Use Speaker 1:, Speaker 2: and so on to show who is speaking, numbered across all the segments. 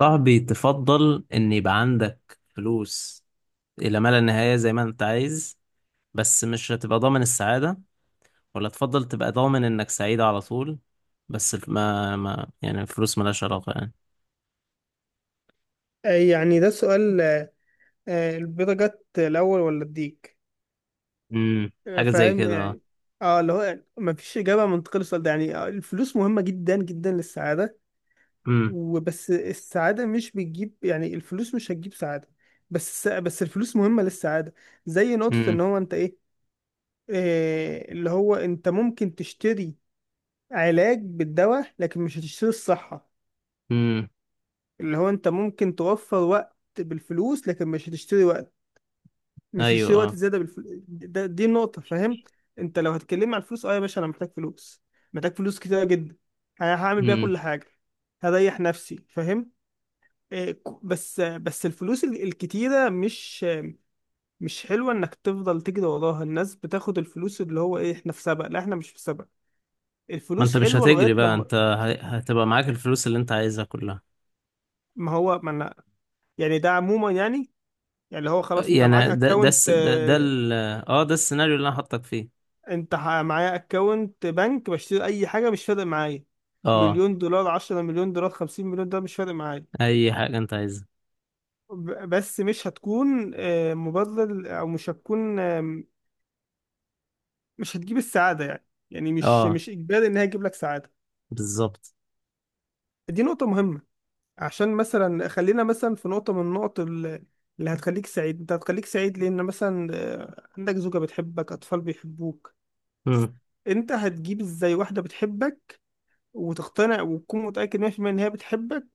Speaker 1: صاحبي، تفضل ان يبقى عندك فلوس الى ما لا نهاية زي ما انت عايز. بس مش هتبقى ضامن السعادة، ولا تفضل تبقى ضامن انك سعيد على طول. بس ما يعني الفلوس ملهاش علاقة يعني.
Speaker 2: يعني ده السؤال البيضة جت الأول ولا الديك؟
Speaker 1: امم، حاجة زي
Speaker 2: فاهم
Speaker 1: كده.
Speaker 2: يعني. اه اللي هو ما فيش إجابة منطقية للسؤال ده يعني الفلوس مهمة جدا جدا للسعادة،
Speaker 1: امم.
Speaker 2: وبس السعادة مش بتجيب يعني الفلوس مش هتجيب سعادة. بس الفلوس مهمة للسعادة. زي نقطة إن
Speaker 1: امم.
Speaker 2: هو أنت إيه. اللي هو أنت ممكن تشتري علاج بالدواء لكن مش هتشتري الصحة.
Speaker 1: امم.
Speaker 2: اللي هو أنت ممكن توفر وقت بالفلوس لكن مش هتشتري وقت، مش
Speaker 1: ايوه،
Speaker 2: يشتري وقت
Speaker 1: اه.
Speaker 2: زياده دي النقطه، فاهم؟ انت لو هتكلمني عن الفلوس، اه يا باشا انا محتاج فلوس، محتاج فلوس كتير جدا، انا هعمل بيها
Speaker 1: امم.
Speaker 2: كل حاجه، هريح نفسي فاهم. إيه، بس الفلوس الكتيره مش حلوه انك تفضل تجري وراها. الناس بتاخد الفلوس اللي هو ايه، احنا في سبق؟ لا احنا مش في سبق.
Speaker 1: ما انت
Speaker 2: الفلوس
Speaker 1: مش
Speaker 2: حلوه
Speaker 1: هتجري
Speaker 2: لغايه
Speaker 1: بقى،
Speaker 2: لما
Speaker 1: انت هتبقى معاك الفلوس اللي انت عايزها كلها.
Speaker 2: ما هو ما أنا- يعني ده عموما يعني، يعني اللي هو خلاص انت معاك
Speaker 1: يعني
Speaker 2: اكونت.
Speaker 1: ده السيناريو اللي انا حاطك فيه.
Speaker 2: معايا اكونت بنك، بشتري اي حاجه مش فارق معايا،
Speaker 1: اه.
Speaker 2: مليون دولار، عشرة مليون دولار، خمسين مليون دولار مش فارق معايا.
Speaker 1: اي حاجة انت عايزها.
Speaker 2: بس مش هتكون مبرر، او مش هتكون مش هتجيب السعاده يعني. يعني مش
Speaker 1: اه.
Speaker 2: مش اجباري ان هي تجيب لك سعاده.
Speaker 1: بالظبط.
Speaker 2: دي نقطه مهمه. عشان مثلا خلينا مثلا في نقطه من اللي هتخليك سعيد. انت هتخليك سعيد لان مثلا عندك زوجه بتحبك، اطفال بيحبوك. انت هتجيب ازاي واحده بتحبك، وتقتنع وتكون متاكد 100% ان هي بتحبك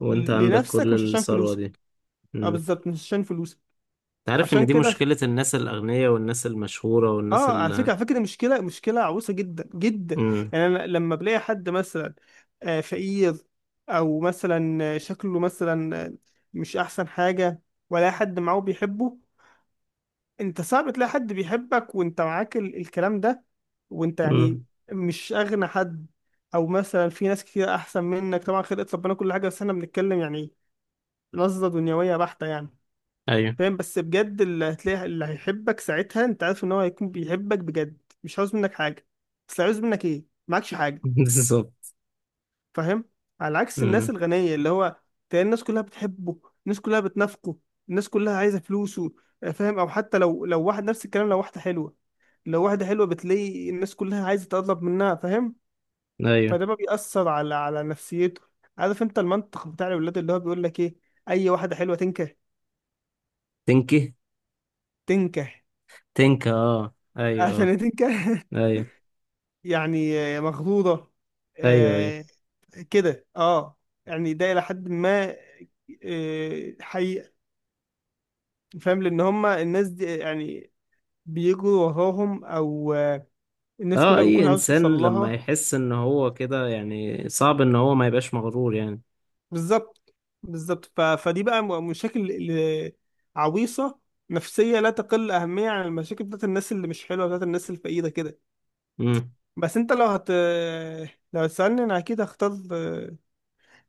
Speaker 1: وانت عندك
Speaker 2: لنفسك مش
Speaker 1: كل
Speaker 2: عشان
Speaker 1: الثروة
Speaker 2: فلوسك؟
Speaker 1: دي.
Speaker 2: اه
Speaker 1: امم.
Speaker 2: بالظبط، مش عشان فلوسك.
Speaker 1: انت عارف ان
Speaker 2: عشان
Speaker 1: دي
Speaker 2: كده،
Speaker 1: مشكلة الناس الاغنياء والناس المشهورة والناس
Speaker 2: اه، على فكره
Speaker 1: ال...
Speaker 2: على فكره دي مشكله عويصه جدا جدا.
Speaker 1: امم.
Speaker 2: يعني انا لما بلاقي حد مثلا فقير، او مثلا شكله مثلا مش احسن حاجه، ولا حد معاه بيحبه. انت صعب تلاقي حد بيحبك وانت معاك الكلام ده، وانت يعني
Speaker 1: امم.
Speaker 2: مش اغنى حد، او مثلا في ناس كتير احسن منك. طبعا خلقت ربنا كل حاجه، بس احنا بنتكلم يعني نظره دنيويه بحته يعني.
Speaker 1: ايوه.
Speaker 2: فاهم؟ بس بجد، اللي هتلاقي اللي هيحبك ساعتها انت عارف ان هو هيكون بيحبك بجد. مش عاوز منك حاجه، بس عاوز منك ايه، معكش حاجه.
Speaker 1: بالظبط.
Speaker 2: فاهم؟ على عكس
Speaker 1: امم.
Speaker 2: الناس الغنيه اللي هو تلاقي الناس كلها بتحبه، الناس كلها بتنافقه، الناس كلها عايزه فلوسه. فاهم؟ او حتى لو واحد نفس الكلام، لو واحده حلوه، لو واحده حلوه بتلاقي الناس كلها عايزه تقرب منها فاهم.
Speaker 1: ايوه.
Speaker 2: فده بقى بيأثر على نفسيته. عارف انت المنطق بتاع الولاد اللي هو بيقول لك ايه، اي واحده حلوه تنكح.
Speaker 1: تنكي.
Speaker 2: تنكح.
Speaker 1: تنكا، اه، ايوه، آه.
Speaker 2: عشان تنكح.
Speaker 1: ايوه.
Speaker 2: يعني مخضوضة
Speaker 1: ايوه، ايوه.
Speaker 2: آه، كده اه. يعني ده إلى حد ما حقيقة. فاهم؟ لأن هما الناس دي يعني بيجروا وراهم، أو الناس
Speaker 1: اه،
Speaker 2: كلها
Speaker 1: اي
Speaker 2: بتكون عاوزة توصل
Speaker 1: انسان لما
Speaker 2: لها.
Speaker 1: يحس ان هو كده يعني صعب ان هو ما يبقاش مغرور يعني.
Speaker 2: بالظبط، بالظبط. فدي بقى، مشاكل عويصة، نفسية، لا تقل أهمية عن المشاكل بتاعت الناس اللي مش حلوة، بتاعت الناس الفقيرة كده.
Speaker 1: امم.
Speaker 2: بس أنت لو لو هتسألني، أنا أكيد هختار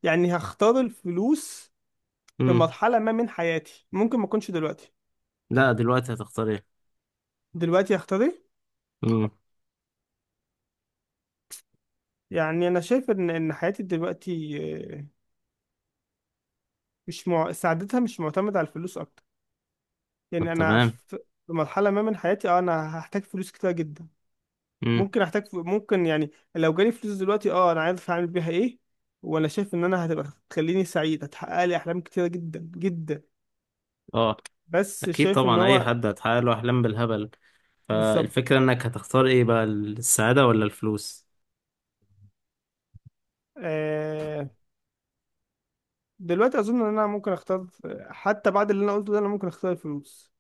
Speaker 2: يعني هختار الفلوس في
Speaker 1: امم.
Speaker 2: مرحلة ما من حياتي. ممكن ما اكونش دلوقتي،
Speaker 1: لا، دلوقتي هتختار ايه؟
Speaker 2: دلوقتي اختار ايه؟
Speaker 1: امم.
Speaker 2: يعني انا شايف ان حياتي دلوقتي آه، مش مع... سعادتها مش معتمدة على الفلوس اكتر.
Speaker 1: طب،
Speaker 2: يعني انا
Speaker 1: تمام.
Speaker 2: في، في مرحلة ما من حياتي اه انا هحتاج فلوس كتير جدا.
Speaker 1: امم.
Speaker 2: ممكن احتاج ممكن يعني لو جالي فلوس دلوقتي، اه انا عارف هعمل بيها ايه. وانا شايف ان انا هتبقى، تخليني سعيد، هتحقق لي احلام كتيرة جدا جدا.
Speaker 1: اه.
Speaker 2: بس
Speaker 1: اكيد
Speaker 2: شايف ان
Speaker 1: طبعا، اي
Speaker 2: هو،
Speaker 1: حد هتحقق له احلام بالهبل.
Speaker 2: بالظبط.
Speaker 1: فالفكرة انك هتختار ايه بقى، السعادة ولا الفلوس؟
Speaker 2: آه... دلوقتي اظن ان انا ممكن اختار حتى بعد اللي انا قلته ده انا ممكن اختار الفلوس.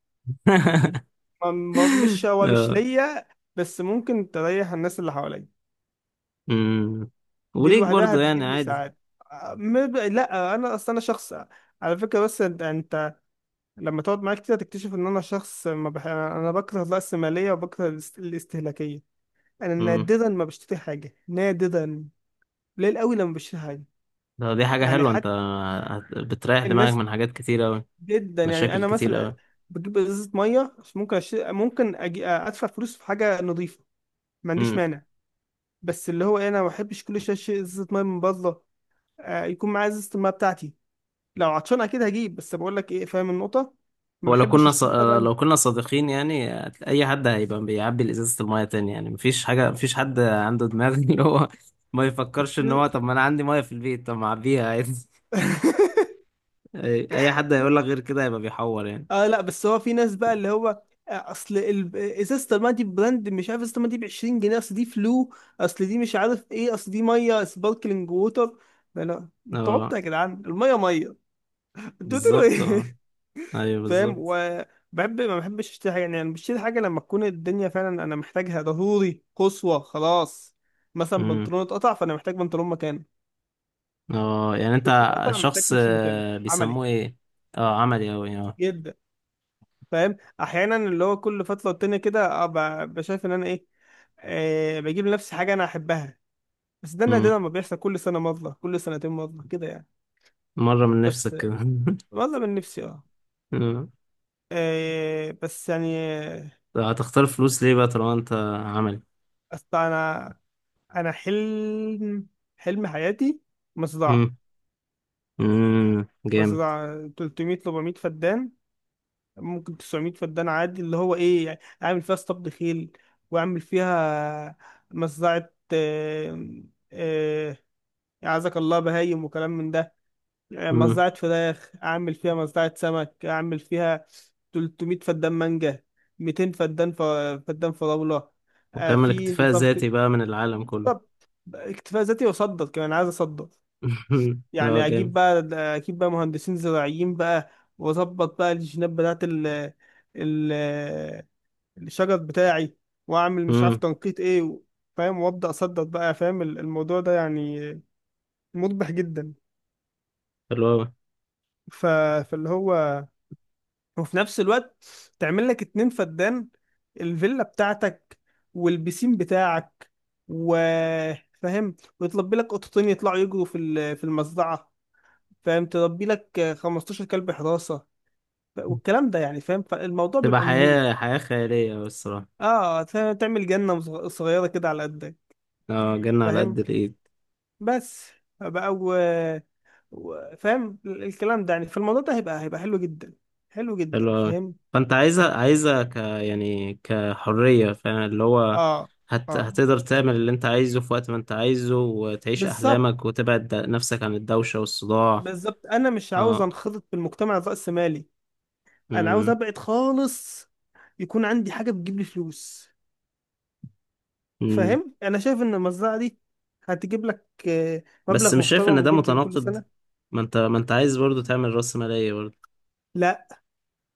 Speaker 2: مش هو، مش
Speaker 1: آه.
Speaker 2: ليا، بس ممكن تريح الناس اللي حواليا.
Speaker 1: أمم.
Speaker 2: دي
Speaker 1: وليك
Speaker 2: لوحدها
Speaker 1: برضو يعني،
Speaker 2: هتجيب لي
Speaker 1: عادي.
Speaker 2: ساعات. لا انا اصلا انا شخص، على فكره، بس انت لما تقعد معايا كتير هتكتشف ان انا شخص ما بح... انا بكره الرأسماليه، وبكره الاستهلاكيه. انا
Speaker 1: أمم.
Speaker 2: نادرا ما بشتري حاجه، نادرا، قليل قوي لما بشتري حاجه.
Speaker 1: دي حاجة
Speaker 2: يعني
Speaker 1: حلوة. انت
Speaker 2: حتى
Speaker 1: بتريح دماغك
Speaker 2: الناس،
Speaker 1: من حاجات كتير اوي،
Speaker 2: جدا يعني،
Speaker 1: مشاكل
Speaker 2: انا
Speaker 1: كتير
Speaker 2: مثلا
Speaker 1: اوي.
Speaker 2: بجيب ازازه ميه، مش ممكن أشتري، ممكن ادفع فلوس في حاجه نظيفه، ما عنديش
Speaker 1: أمم.
Speaker 2: مانع. بس اللي هو إيه، انا ما بحبش كل شويه شيء ازازه ميه من بره. يكون معايا ازازه الميه بتاعتي. لو عطشان اكيد هجيب، بس بقول لك ايه، فاهم النقطه. ما
Speaker 1: ولو
Speaker 2: بحبش
Speaker 1: كنا ص...
Speaker 2: اشتري طبعا.
Speaker 1: لو كنا صادقين يعني، اي حد هيبقى بيعبي ازازة المية تاني يعني، مفيش حد عنده دماغ. اللي هو ما يفكرش ان
Speaker 2: اشتري-
Speaker 1: هو، طب ما انا عندي مية في البيت، طب ما اعبيها عادي. أي حد هيقول لك غير كده هيبقى بيحور يعني.
Speaker 2: اه لا، بس هو في ناس بقى اللي هو اصل ازازه الميه دي براند، مش عارف، ازازه الميه دي ب 20 جنيه، اصل دي فلو، اصل دي مش عارف ايه، اصل دي ميه سباركلينج ووتر. لا لا انتوا عبط
Speaker 1: اه.
Speaker 2: يا جدعان، الميه ميه، اديتوا له
Speaker 1: بالظبط، اه.
Speaker 2: ايه؟
Speaker 1: ايوه،
Speaker 2: فاهم.
Speaker 1: بالظبط.
Speaker 2: وبحب، ما بحبش اشتري حاجه يعني. انا بشتري حاجه لما تكون الدنيا فعلا انا محتاجها ضروري قصوى خلاص. مثلا
Speaker 1: امم.
Speaker 2: بنطلون اتقطع، فانا محتاج بنطلون مكانه.
Speaker 1: اه، يعني
Speaker 2: كوتشي
Speaker 1: انت
Speaker 2: اتقطع، محتاج
Speaker 1: شخص
Speaker 2: كوتشي مكانه.
Speaker 1: آه،
Speaker 2: عملي
Speaker 1: بيسموه ايه؟ اه، عملي اوي، اه.
Speaker 2: جدا. فاهم؟ احيانا اللي هو كل فتره والتانيه كده بشايف ان انا ايه، بجيب لنفسي حاجه انا احبها. بس ده
Speaker 1: امم.
Speaker 2: نادرا ما بيحصل، كل سنه مره، كل سنتين مره كده يعني.
Speaker 1: مره من
Speaker 2: بس
Speaker 1: نفسك كده.
Speaker 2: مره من نفسي اه.
Speaker 1: أمم.
Speaker 2: بس يعني
Speaker 1: طب هتختار فلوس ليه بقى طالما انت عملي؟
Speaker 2: أصل أنا، انا حلم حلم حياتي مصدعة.
Speaker 1: امم. امم. جامد.
Speaker 2: 300 400 فدان، ممكن 900 فدان عادي. اللي هو ايه يعني، اعمل فيها اسطبل خيل، واعمل فيها مصدعة آه، اعزك الله بهايم وكلام من ده.
Speaker 1: امم.
Speaker 2: مصدعة فراخ اعمل فيها، مصدعة سمك اعمل فيها، 300 فدان مانجا، 200 فدان فدان فراولة.
Speaker 1: وتعمل
Speaker 2: في
Speaker 1: اكتفاء
Speaker 2: نظام كده.
Speaker 1: ذاتي بقى من العالم كله.
Speaker 2: بالظبط. اكتفاء ذاتي، واصدر كمان، عايز اصدر.
Speaker 1: اه،
Speaker 2: يعني
Speaker 1: جامد.
Speaker 2: اجيب بقى مهندسين زراعيين بقى، واظبط بقى الجينات بتاعت ال ال الشجر بتاعي، واعمل مش عارف
Speaker 1: امم.
Speaker 2: تنقيط ايه فاهم. وابدا اصدر بقى. فاهم الموضوع ده يعني مربح جدا.
Speaker 1: حلو اوي.
Speaker 2: ف... فاللي هو، وفي نفس الوقت، تعمل لك اتنين فدان، الفيلا بتاعتك، والبيسين بتاعك، و فاهم، ويطلب لك قطتين يطلعوا يجروا في المزرعة. فاهم، تربي لك 15 كلب حراسة، والكلام ده يعني. فاهم؟ فالموضوع
Speaker 1: تبقى
Speaker 2: بيبقى مهيب.
Speaker 1: حياه خياليه أوي الصراحه.
Speaker 2: اه فاهم؟ تعمل جنة صغيرة كده على قدك.
Speaker 1: اه، جنة على قد
Speaker 2: فاهم.
Speaker 1: الايد.
Speaker 2: بس بقى فاهم، الكلام ده يعني، فالموضوع ده هيبقى، حلو جدا. حلو جدا
Speaker 1: حلو أوي.
Speaker 2: فاهم.
Speaker 1: فأنت عايزها يعني كحرية، فاهم اللي هو.
Speaker 2: اه، اه،
Speaker 1: هتقدر تعمل اللي أنت عايزه في وقت ما أنت عايزه، وتعيش
Speaker 2: بالظبط،
Speaker 1: أحلامك، وتبعد نفسك عن الدوشة والصداع.
Speaker 2: بالظبط. انا مش عاوز
Speaker 1: اه.
Speaker 2: انخرط في المجتمع الرأسمالي، انا عاوز
Speaker 1: أمم.
Speaker 2: ابعد خالص. يكون عندي حاجة بتجيب لي فلوس.
Speaker 1: أمم.
Speaker 2: فاهم؟ انا شايف ان المزرعة دي هتجيب لك
Speaker 1: بس
Speaker 2: مبلغ
Speaker 1: مش شايف إن
Speaker 2: محترم
Speaker 1: ده
Speaker 2: جدا كل
Speaker 1: متناقض؟
Speaker 2: سنة.
Speaker 1: ما أنت عايز برضو تعمل رأسمالية برضو.
Speaker 2: لا،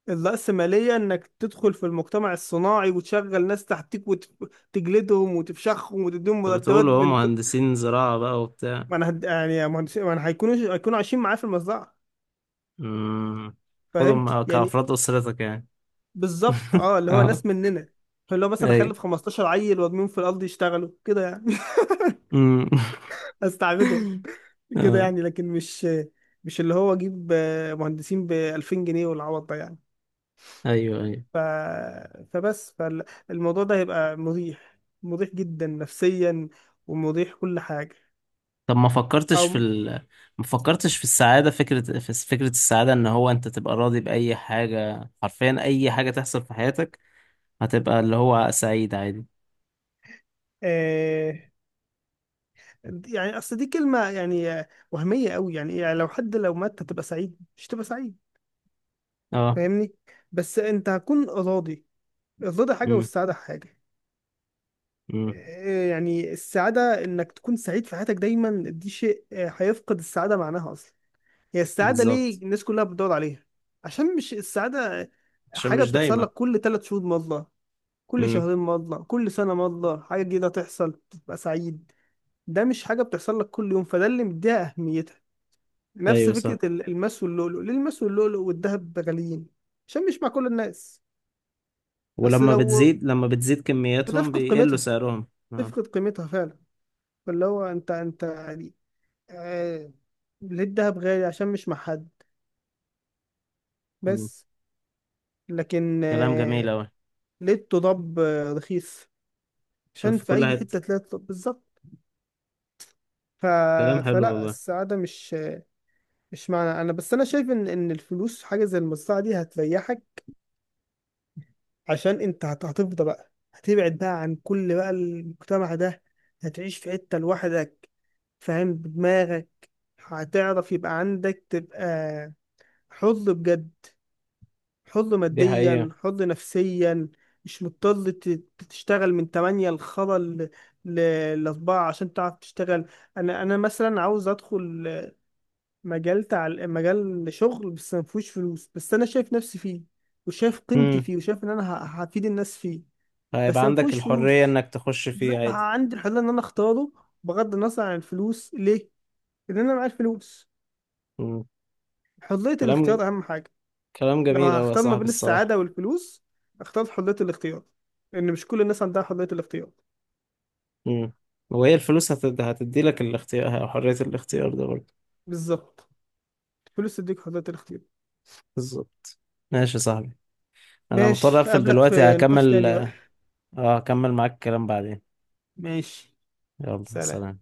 Speaker 2: الرأسمالية إنك تدخل في المجتمع الصناعي وتشغل ناس تحتك، وتجلدهم، وتفشخهم، وتديهم
Speaker 1: طب
Speaker 2: مرتبات
Speaker 1: بتقولوا هو
Speaker 2: بنت.
Speaker 1: مهندسين زراعة بقى وبتاع.
Speaker 2: ما أنا هد... يعني ما أنا، هيكونوا عايشين معاه في المزرعة.
Speaker 1: أمم.
Speaker 2: فهمت؟
Speaker 1: خدهم
Speaker 2: يعني
Speaker 1: كأفراد أسرتك يعني.
Speaker 2: بالظبط، أه اللي هو
Speaker 1: اه.
Speaker 2: ناس مننا. اللي هو مثلا
Speaker 1: ايوه.
Speaker 2: أخلف 15 عيل وأرميهم في الأرض يشتغلوا كده يعني.
Speaker 1: أمم.
Speaker 2: أستعبدهم كده
Speaker 1: اه.
Speaker 2: يعني. لكن مش اللي هو أجيب مهندسين ب 2000 جنيه والعوض ده يعني.
Speaker 1: ايوه، ايوه.
Speaker 2: ف... فبس، فالموضوع ده هيبقى مريح، مريح جدا نفسيا، ومريح كل حاجة.
Speaker 1: طب
Speaker 2: أو
Speaker 1: ما فكرتش في السعادة؟ فكرة، فكرة السعادة ان هو انت تبقى راضي بأي حاجة، حرفيا اي حاجة تحصل في حياتك، هتبقى اللي هو سعيد عادي.
Speaker 2: آه... يعني أصل دي كلمة يعني وهمية قوي يعني، إيه؟ يعني لو مات، هتبقى سعيد؟ مش هتبقى سعيد.
Speaker 1: اه.
Speaker 2: فاهمني. بس أنت هتكون راضي. الرضا حاجة
Speaker 1: امم.
Speaker 2: والسعادة حاجة.
Speaker 1: امم.
Speaker 2: يعني السعادة إنك تكون سعيد في حياتك دايما، دي شيء هيفقد السعادة معناها أصلا. هي السعادة
Speaker 1: بالظبط.
Speaker 2: ليه الناس كلها بتدور عليها؟ عشان، مش السعادة
Speaker 1: عشان
Speaker 2: حاجة
Speaker 1: مش
Speaker 2: بتحصل
Speaker 1: دايما.
Speaker 2: لك كل ثلاث شهور مرة، كل
Speaker 1: امم.
Speaker 2: شهرين مرة، كل سنة مرة حاجة جديدة تحصل تبقى سعيد. ده مش حاجة بتحصل لك كل يوم، فده اللي مديها أهميتها. نفس
Speaker 1: ايوه، صح.
Speaker 2: فكرة الماس واللؤلؤ. ليه الماس واللؤلؤ والذهب غاليين؟ عشان مش مع كل الناس. أصل
Speaker 1: ولما
Speaker 2: لو،
Speaker 1: بتزيد لما بتزيد كمياتهم
Speaker 2: بتفقد
Speaker 1: بيقلوا
Speaker 2: قيمتها
Speaker 1: سعرهم. اه.
Speaker 2: تفقد قيمتها فعلا. فاللي هو أنت، يعني آه ليه الذهب غالي؟ عشان مش مع حد،
Speaker 1: مم.
Speaker 2: بس. لكن
Speaker 1: كلام جميل اوي.
Speaker 2: لقيت ضب رخيص،
Speaker 1: شوف
Speaker 2: عشان
Speaker 1: في
Speaker 2: في
Speaker 1: كل
Speaker 2: اي
Speaker 1: حتة.
Speaker 2: حته تلاقي. طب بالظبط. ف...
Speaker 1: كلام حلو
Speaker 2: فلا،
Speaker 1: والله.
Speaker 2: السعاده مش، مش معنى، انا بس انا شايف ان الفلوس حاجه زي المزرعه دي هتريحك. عشان انت هتفضى بقى، هتبعد بقى عن كل بقى المجتمع ده، هتعيش في حته لوحدك، فاهم، بدماغك. هتعرف، يبقى عندك، تبقى حر بجد، حر
Speaker 1: دي
Speaker 2: ماديا،
Speaker 1: حقيقة.
Speaker 2: حر نفسيا. مش مضطر تشتغل من 8 لخلا ل لأربعة، عشان تعرف تشتغل. أنا مثلا عاوز أدخل مجال شغل بس ما فيهوش فلوس، بس أنا شايف نفسي فيه، وشايف قيمتي
Speaker 1: امم.
Speaker 2: فيه، وشايف إن أنا هفيد الناس فيه،
Speaker 1: هيبقى
Speaker 2: بس ما
Speaker 1: عندك
Speaker 2: فيهوش
Speaker 1: الحرية
Speaker 2: فلوس.
Speaker 1: انك تخش
Speaker 2: زي
Speaker 1: فيه
Speaker 2: ما
Speaker 1: عادي.
Speaker 2: عندي الحرية إن أنا أختاره، بغض النظر عن الفلوس. ليه؟ لأن أنا معايا الفلوس.
Speaker 1: مم.
Speaker 2: حرية
Speaker 1: كلام
Speaker 2: الاختيار أهم حاجة.
Speaker 1: كلام
Speaker 2: لو
Speaker 1: جميل اوي يا
Speaker 2: هختار ما
Speaker 1: صاحبي،
Speaker 2: بين
Speaker 1: الصراحة.
Speaker 2: السعادة والفلوس، اختار حرية الاختيار، لأن مش كل الناس عندها حرية الاختيار.
Speaker 1: امم. وهي الفلوس هتدي لك الاختيار، حرية الاختيار ده برضه.
Speaker 2: بالظبط. الفلوس تديك حرية الاختيار.
Speaker 1: بالظبط. ماشي يا صاحبي. انا مضطر
Speaker 2: ماشي،
Speaker 1: اقفل
Speaker 2: أقابلك
Speaker 1: دلوقتي،
Speaker 2: في نقاش
Speaker 1: هكمل.
Speaker 2: تاني بقى.
Speaker 1: اه، هكمل معاك الكلام بعدين.
Speaker 2: ماشي.
Speaker 1: يلا،
Speaker 2: سلام.
Speaker 1: سلام.